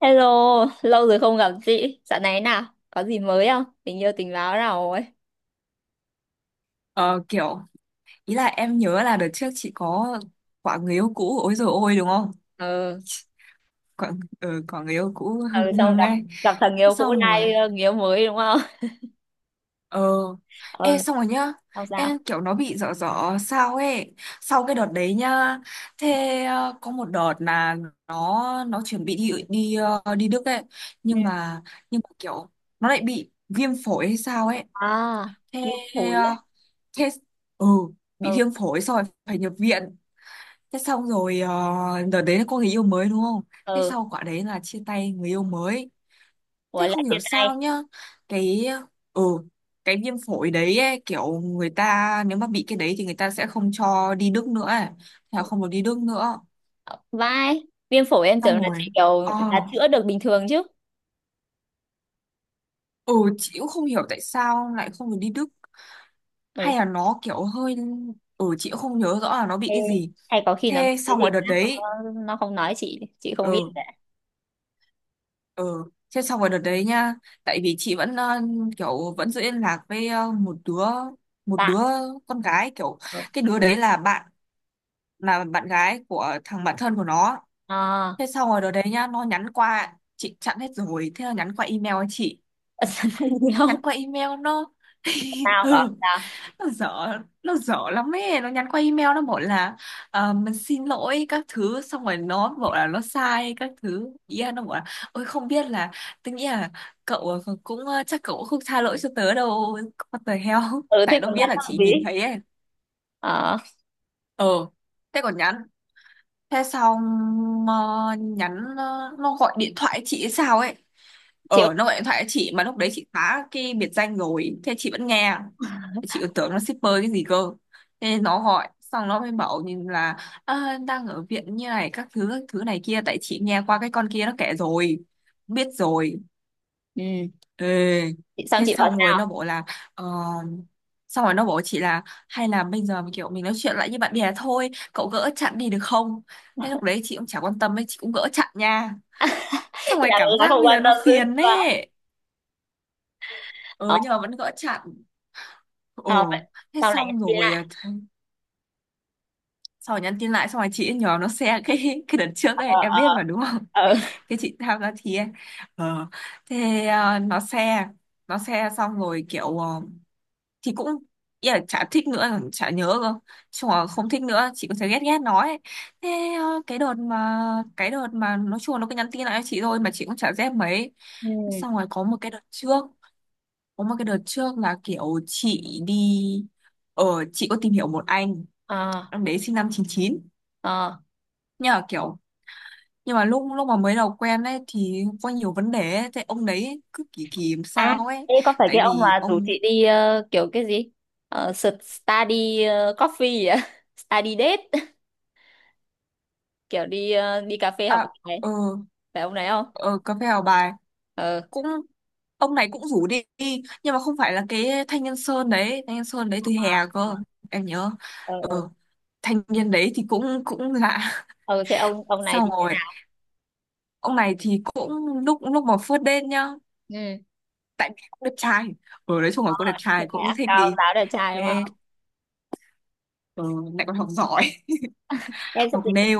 Hello, lâu rồi không gặp chị. Dạo này nào, có gì mới không? Tình yêu tình báo nào rồi? Ờ, kiểu ý là em nhớ là đợt trước chị có quả người yêu cũ ôi rồi ôi đúng không? Ừ, Quả, ừ, quả người yêu cũ hưng ừ, xong hưng gặp ấy. gặp thằng Thế yêu cũ xong nay rồi, người yêu mới đúng không? ờ ê, Ừ, xong rồi nhá. xong sao? Em kiểu nó bị dở dở sao ấy, sau cái đợt đấy nhá. Thế có một đợt là nó chuẩn bị đi đi ờ, đi Đức ấy, Ừ. nhưng mà kiểu nó lại bị viêm phổi hay sao ấy. À, Thế viêm phổi á. ờ, thế ừ Bị Ừ, viêm phổi xong rồi phải nhập viện. Thế xong rồi, đợt đấy là có người yêu mới đúng không? Thế ừ, sau quả đấy là chia tay người yêu mới. Thế ủa không lại hiểu chia sao tay. nhá. Cái ừ cái viêm phổi đấy ấy, kiểu người ta nếu mà bị cái đấy thì người ta sẽ không cho đi Đức nữa ấy. Thế là không được đi Đức nữa. Ờ, vai, viêm phổi em tưởng Xong là rồi. chị kiểu Ờ là chữa được bình thường chứ. ừ chị cũng không hiểu tại sao lại không được đi Đức, Ừ, hay là nó kiểu hơi... Chị cũng không nhớ rõ là nó bị thế cái gì. hay có khi nó bị Thế cái xong gì rồi đợt khác đấy. nó không nói chị không Ừ. biết đấy. Ừ. Thế xong rồi đợt đấy nha, tại vì chị vẫn kiểu vẫn giữ liên lạc với một đứa một Bạn, đứa con gái kiểu, ừ. cái đứa đấy là bạn gái của thằng bạn thân của nó. À, Thế xong rồi đợt đấy nha, nó nhắn qua, chị chặn hết rồi, thế nó nhắn qua email cho chị. Nó nhắn không? qua email nó. Sao bảo Ừ. sao? Nó dở lắm ấy, nó nhắn qua email nó bảo là "Mình xin lỗi các thứ", xong rồi nó bảo là nó sai các thứ, ý là nó bảo là "Ôi không biết là, tôi nghĩ là cậu cũng chắc cậu cũng không tha lỗi cho tớ đâu." What the hell. Ừ, Tại thế nó còn biết nhắn là làm chị gì? nhìn thấy ấy. ờ Thế còn nhắn. Thế xong ờ, nhắn ờ, Nó gọi điện thoại chị hay sao ấy. Chị Nó gọi điện thoại cho chị mà lúc đấy chị phá cái biệt danh rồi, thế chị vẫn nghe. Chị còn tưởng nó shipper cái gì cơ. Thế nó gọi xong nó mới bảo nhìn là "À, đang ở viện như này các thứ này kia." Tại chị nghe qua cái con kia nó kể rồi, biết rồi. ừ. Ê, Chị xong thế chị bảo xong rồi nó sao. bảo là ờ, xong rồi nó bảo chị là "Hay là bây giờ kiểu mình nói chuyện lại như bạn bè thôi, cậu gỡ chặn đi được không?" Thế lúc đấy chị cũng chả quan tâm ấy, chị cũng gỡ chặn nha. Xong rồi là cảm là giác không bây giờ quan nó tâm dữ phiền chưa. ấy. Ừ Ờ nhưng mà vẫn gỡ chặn. ờ Ồ vậy, thế xong lại nhắn xong tin rồi lại. à, th- Xong rồi nhắn tin lại, xong rồi chị ấy nhờ nó share cái đợt trước Ờ ấy, em ờ biết mà đúng không? ờ. Cái chị tham gia thi ấy. ờ nó share. Xong rồi kiểu thì cũng ý là chả thích nữa, chả nhớ cơ. Chung là không thích nữa, chị cũng thấy ghét ghét nó ấy. thế ờ, cái đợt mà cái đợt mà nó chuồn, nó cứ nhắn tin lại cho chị thôi mà chị cũng chả dép mấy. Ừ. Xong rồi có một cái đợt trước là kiểu chị đi, ở chị có tìm hiểu một anh Ờ em đấy, sinh năm 99, ờ. nhưng mà kiểu nhưng mà lúc lúc mà mới đầu quen ấy thì có nhiều vấn đề ấy. Thế ông đấy cứ kỳ kỳ làm À, sao ấy. thế có phải Tại cái ông vì mà rủ ông chị đi kiểu cái gì study coffee gì á? Study date, kiểu đi đi cà phê à, học bài, ờ phải ông này không? ờ Cà phê Hào Bài Ờ cũng, ông này cũng rủ đi, nhưng mà không phải là cái thanh niên sơn đấy, thanh niên sơn đấy từ ờ hè ờ cơ, em nhớ. ờ ờ. Thanh niên đấy thì cũng cũng lạ. Ờ, thế ông ông này Xong thì thế rồi nào? ông này thì cũng lúc lúc mà phớt đen nhá, Ừ. tại vì cũng đẹp trai. Đấy chung là cũng đẹp Ờ, thế trai, cũng này á, thích cao đi. giáo đẹp trai đúng thế không? ừ, Lại còn học giỏi. Em sẽ Học dịch. nail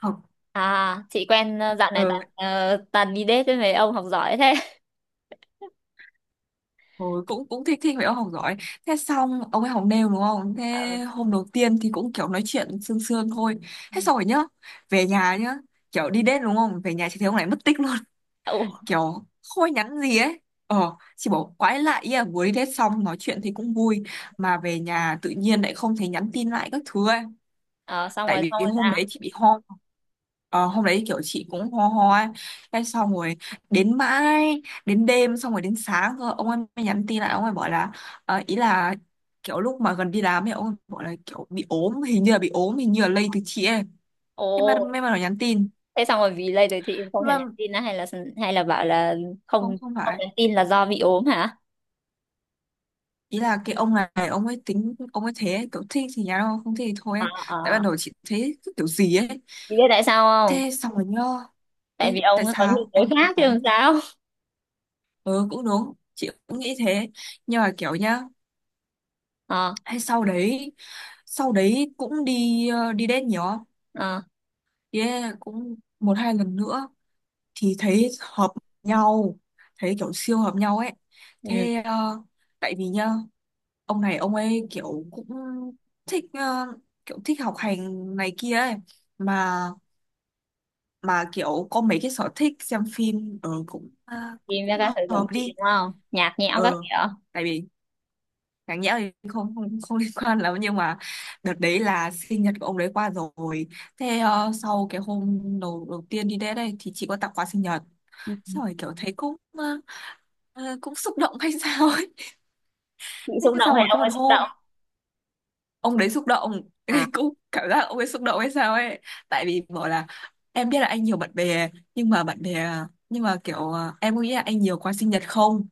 học À, chị quen dạo này ờ, toàn toàn đi date với mấy ông học giỏi thế. Ôi, cũng cũng thích thích vậy ông học giỏi. Thế xong ông ấy học nêu đúng không? Thế Ờ, hôm đầu tiên thì cũng kiểu nói chuyện sương sương thôi. ừ. Thế xong rồi nhá, về nhà nhá, kiểu đi đến đúng không, về nhà chị thấy ông này mất tích luôn. Ồ, Kiểu không ai nhắn gì ấy. Chị bảo quái lạ ý, à vừa đi đến xong nói chuyện thì cũng vui, mà về nhà tự nhiên lại không thấy nhắn tin lại các thứ ấy. ờ, Tại xong vì rồi hôm sao? đấy chị bị ho. Ờ, hôm đấy kiểu chị cũng ho ho ấy. Cái xong rồi, đến mãi đến đêm, xong rồi đến sáng cơ ông ấy mới nhắn tin lại, ông ấy bảo là ý là kiểu lúc mà gần đi làm ấy, ông ấy bảo là kiểu bị ốm, hình như là bị ốm, hình như là lây từ chị ấy. Thế mà Ồ, may mà nó nhắn tin. thế xong rồi vì lây rồi chị Nhưng không thèm mà nhắn tin á hay là bảo là không không, không không phải, nhắn tin là do bị ốm hả? ý là cái ông này ông ấy tính ông ấy thế ấy, kiểu thích thì nhắn, không không thích thì thôi Ờ ấy. Tại ban ờ. đầu chị thấy cứ kiểu gì ấy. Chị biết tại sao Thế không? xong rồi nhớ. Tại Biết vì tại ông có nhiều sao tối em khác chứ nói, làm sao? ừ cũng đúng chị cũng nghĩ thế. Nhưng mà kiểu nhá, Ờ hay sau đấy, cũng đi đi đến nhiều không? ờ. Đi date cũng một hai lần nữa thì thấy hợp nhau, thấy kiểu siêu hợp nhau ấy. Ừ. thế ờ, Tại vì nhá, ông này ông ấy kiểu cũng thích kiểu thích học hành này kia ấy, mà mà kiểu có mấy cái sở thích xem phim ở cũng, cũng Tìm ra cũng các sở trường hợp chị đi. đúng không? Nhạt nhẽo ờ các kiểu. Tại vì đáng nhẽ thì không không không liên quan lắm, nhưng mà đợt đấy là sinh nhật của ông đấy qua rồi. Sau cái hôm đầu đầu tiên đi đến đây thì chị có tặng quà sinh nhật, Ừ. xong rồi kiểu thấy cũng cũng xúc động hay sao ấy. Chị Thế xúc động xong hay rồi có ông một ấy xúc hôm động? ông đấy xúc động. À, Cũng cảm giác ông ấy xúc động hay sao ấy. Tại vì bảo là "Em biết là anh nhiều bạn bè nhưng mà bạn bè, nhưng mà kiểu em có nghĩ là anh nhiều quà sinh nhật không?"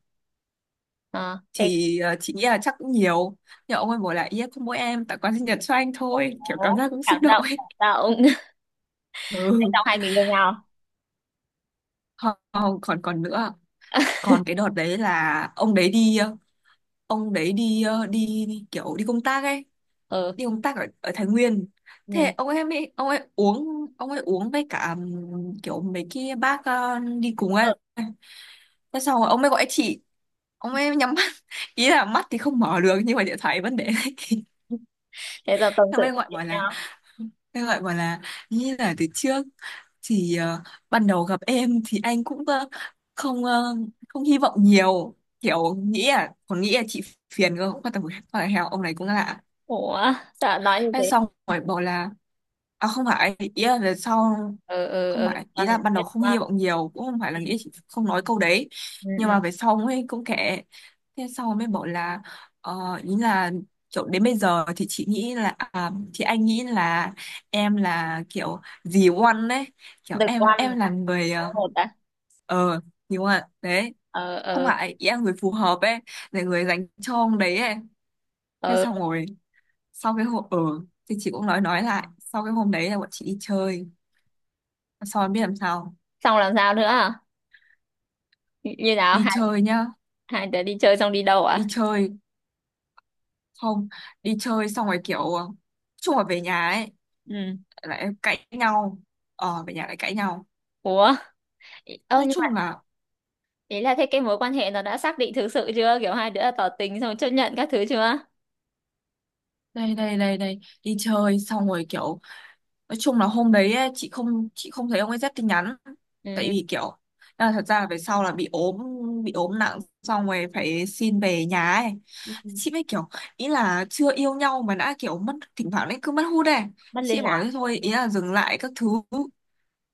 ờ, thế Thì chị nghĩ là chắc cũng nhiều. Nhưng ông ấy bảo là "Yeah, không mỗi em tặng quà sinh nhật cho anh thôi", kiểu có cảm giác cũng xúc cảm động động ấy. cảm động. Thế Ừ. xong hai người yêu nhau. Còn còn nữa, còn cái đợt đấy là ông đấy đi ông đấy đi ờ, đi, đi kiểu đi công tác ấy, Ừ. đi công tác ở, ở Thái Nguyên. Ừ. Thế ông em ấy Ông ấy uống với cả kiểu mấy cái bác đi cùng ấy. Ừ. Thế xong rồi ông ấy gọi chị, ông ấy nhắm mắt. Ý là mắt thì không mở được nhưng mà điện thoại vẫn để đấy. Thế giờ tâm Ông sự ấy nói gọi chuyện bảo là, nhau. Thế gọi bảo là "Như là từ trước thì ban đầu gặp em thì anh cũng không ờ, không hy vọng nhiều, kiểu nghĩ, à còn nghĩ là chị phiền cơ, không quan tâm, một con là heo." Ông này cũng lạ. Ủa, dạ nói như Thế thế. xong rồi bảo là "À không phải ý là về sau, Ừ, ừ, không ừ, phải ý con là này ban biết đầu không hy quá. vọng nhiều, cũng không phải là Ừ, nghĩ chị", không nói câu đấy. ừ, Nhưng ừ, mà về sau mới cũng kệ. Thế sau mới bảo là ý là kiểu đến bây giờ thì chị nghĩ là, à thì anh nghĩ là em là kiểu dì One đấy, kiểu được em quan em là là người có một đã. ờ, dì One đấy. Ờ Không ờ phải ý là người phù hợp ấy, là người dành cho ông đấy ấy. Thế ờ. xong rồi, sau cái hôm thì chị cũng nói lại, sau cái hôm đấy là bọn chị đi chơi, sau em biết làm sao. Xong làm sao nữa à? Như như nào, Đi hai, chơi nhá. hai đứa đi chơi xong đi đâu Đi à? chơi Không, đi chơi xong rồi kiểu nói chung là về nhà ấy, Ừ. lại cãi nhau. Về nhà lại cãi nhau. Ủa, ơ Nói nhưng mà chung là, ý là thế cái mối quan hệ nó đã xác định thực sự chưa, kiểu hai đứa đã tỏ tình xong chấp nhận các thứ chưa? đây đây đây đây đi chơi xong rồi kiểu nói chung là hôm đấy ấy, chị không thấy ông ấy rep tin nhắn. Tại Ừ vì kiểu là thật ra là về sau là bị ốm, bị ốm nặng, xong rồi phải xin về nhà ấy. ừ. Chị mới kiểu, ý là chưa yêu nhau mà đã kiểu mất, thỉnh thoảng đấy cứ mất hút ấy. Mất Chị liên lạc. bảo thế thôi, ý là dừng lại các thứ.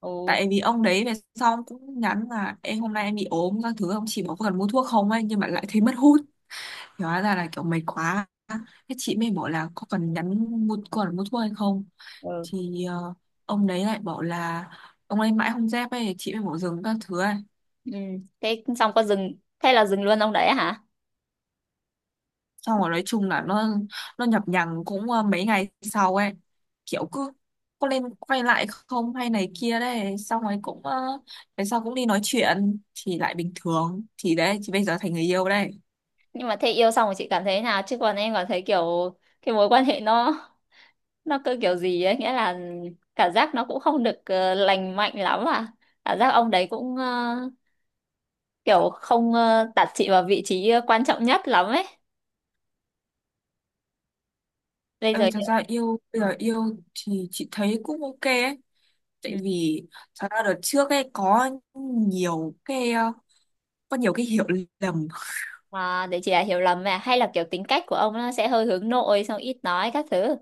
Ồ. Tại vì ông đấy về sau cũng nhắn là "Em hôm nay em bị ốm các thứ", ông chỉ bảo "có cần mua thuốc không" ấy, nhưng mà lại thấy mất hút. Hóa ra là kiểu mệt quá. Thế chị mới bảo là có cần nhắn mua còn mua thuốc hay không. Ừ Thì ông đấy lại bảo là, ông ấy mãi không dép ấy, chị mới bảo dừng các thứ ấy. ừ. Thế xong có dừng, thế là dừng luôn ông đấy hả? Xong rồi nói chung là nó nhập nhằng cũng mấy ngày sau ấy, kiểu cứ có lên quay lại không hay này kia đấy, xong rồi cũng về sau cũng đi nói chuyện thì lại bình thường, thì đấy chị bây giờ thành người yêu đây. Nhưng mà thế yêu xong rồi chị cảm thấy thế nào chứ còn em cảm thấy kiểu cái mối quan hệ nó cứ kiểu gì ấy, nghĩa là cảm giác nó cũng không được lành mạnh lắm à. Cảm giác ông đấy cũng kiểu không đặt chị vào vị trí quan trọng nhất lắm ấy bây Ê, giờ. thật ra yêu, bây giờ Ờ. yêu thì chị thấy cũng ok ấy. Ừ. Tại vì thật ra đợt trước ấy có nhiều cái ờ, có nhiều cái hiểu lầm. À, để chị là hiểu lầm mà hay là kiểu tính cách của ông nó sẽ hơi hướng nội xong ít nói các thứ.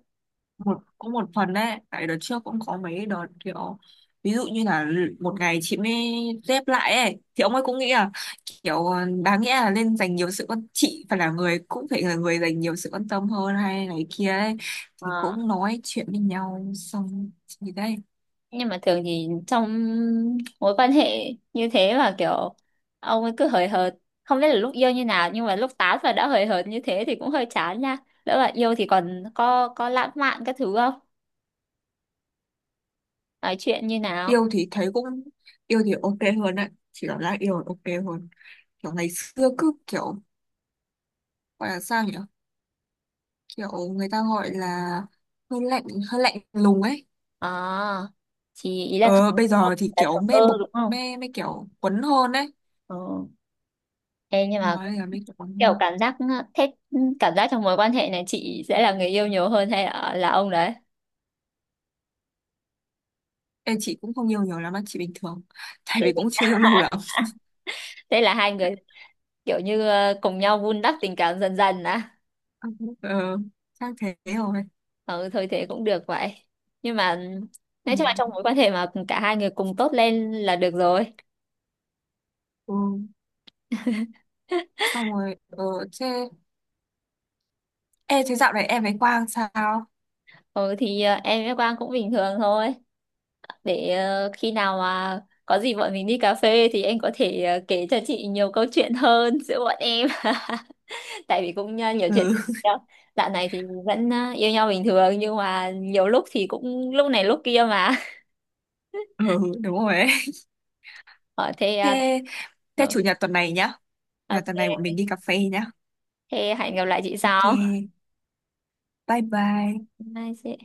Có một phần đấy, tại đợt trước cũng có mấy đợt kiểu ví dụ như là một ngày chị mới dép lại ấy thì ông ấy cũng nghĩ là kiểu đáng nghĩa là nên dành nhiều sự quan, chị phải là người dành nhiều sự quan tâm hơn hay này kia ấy, thì cũng nói chuyện với nhau xong thì đây. Nhưng mà thường thì trong mối quan hệ như thế mà kiểu ông ấy cứ hời hợt, không biết là lúc yêu như nào nhưng mà lúc tán và đã hời hợt như thế thì cũng hơi chán nha. Lỡ bạn yêu thì còn có lãng mạn các thứ không, nói chuyện như nào? yêu thì thấy cũng Yêu thì ok hơn đấy, chị cảm giác yêu là ok hơn, kiểu ngày xưa cứ kiểu gọi là sao nhỉ, kiểu người ta gọi là hơi lạnh, hơi lạnh lùng ấy. À thì ý Ờ, bây ơ, giờ thì là thờ kiểu ơ mê bộc, đúng không? mê mê kiểu quấn hơn đấy. Ừ. Ê, nhưng Thôi mà bây giờ mê kiểu quấn kiểu hơn. cảm giác thế, cảm giác trong mối quan hệ này chị sẽ là người yêu nhiều hơn hay là ông đấy? Chị cũng không yêu nhiều lắm, á, chị bình thường. Tại vì cũng chưa yêu lâu lắm. Thế là hai người kiểu như cùng nhau vun đắp tình cảm dần dần á? Ờ, chắc thế rồi. Ừ thôi thế cũng được vậy, nhưng mà nói chung là Ừ. trong mối quan hệ mà cả hai người cùng tốt lên là được rồi. Ừ. Xong rồi, thế... Ê, thế dạo này em với Quang sao? Ừ thì em với Quang cũng bình thường thôi, để khi nào mà có gì bọn mình đi cà phê thì em có thể kể cho chị nhiều câu chuyện hơn giữa bọn em. Tại vì cũng nhiều chuyện Ừ. đó. Dạo này thì vẫn yêu nhau bình thường nhưng mà nhiều lúc thì cũng lúc này lúc kia mà. Ừ, đúng rồi ấy. Ở thế, Thế, thế, ừ, chủ nhật tuần này nhá. Chủ Nhật tuần này bọn ok. mình đi cà phê nhá. Thế hẹn gặp lại chị Ok, sau. bye bye. Bye chị.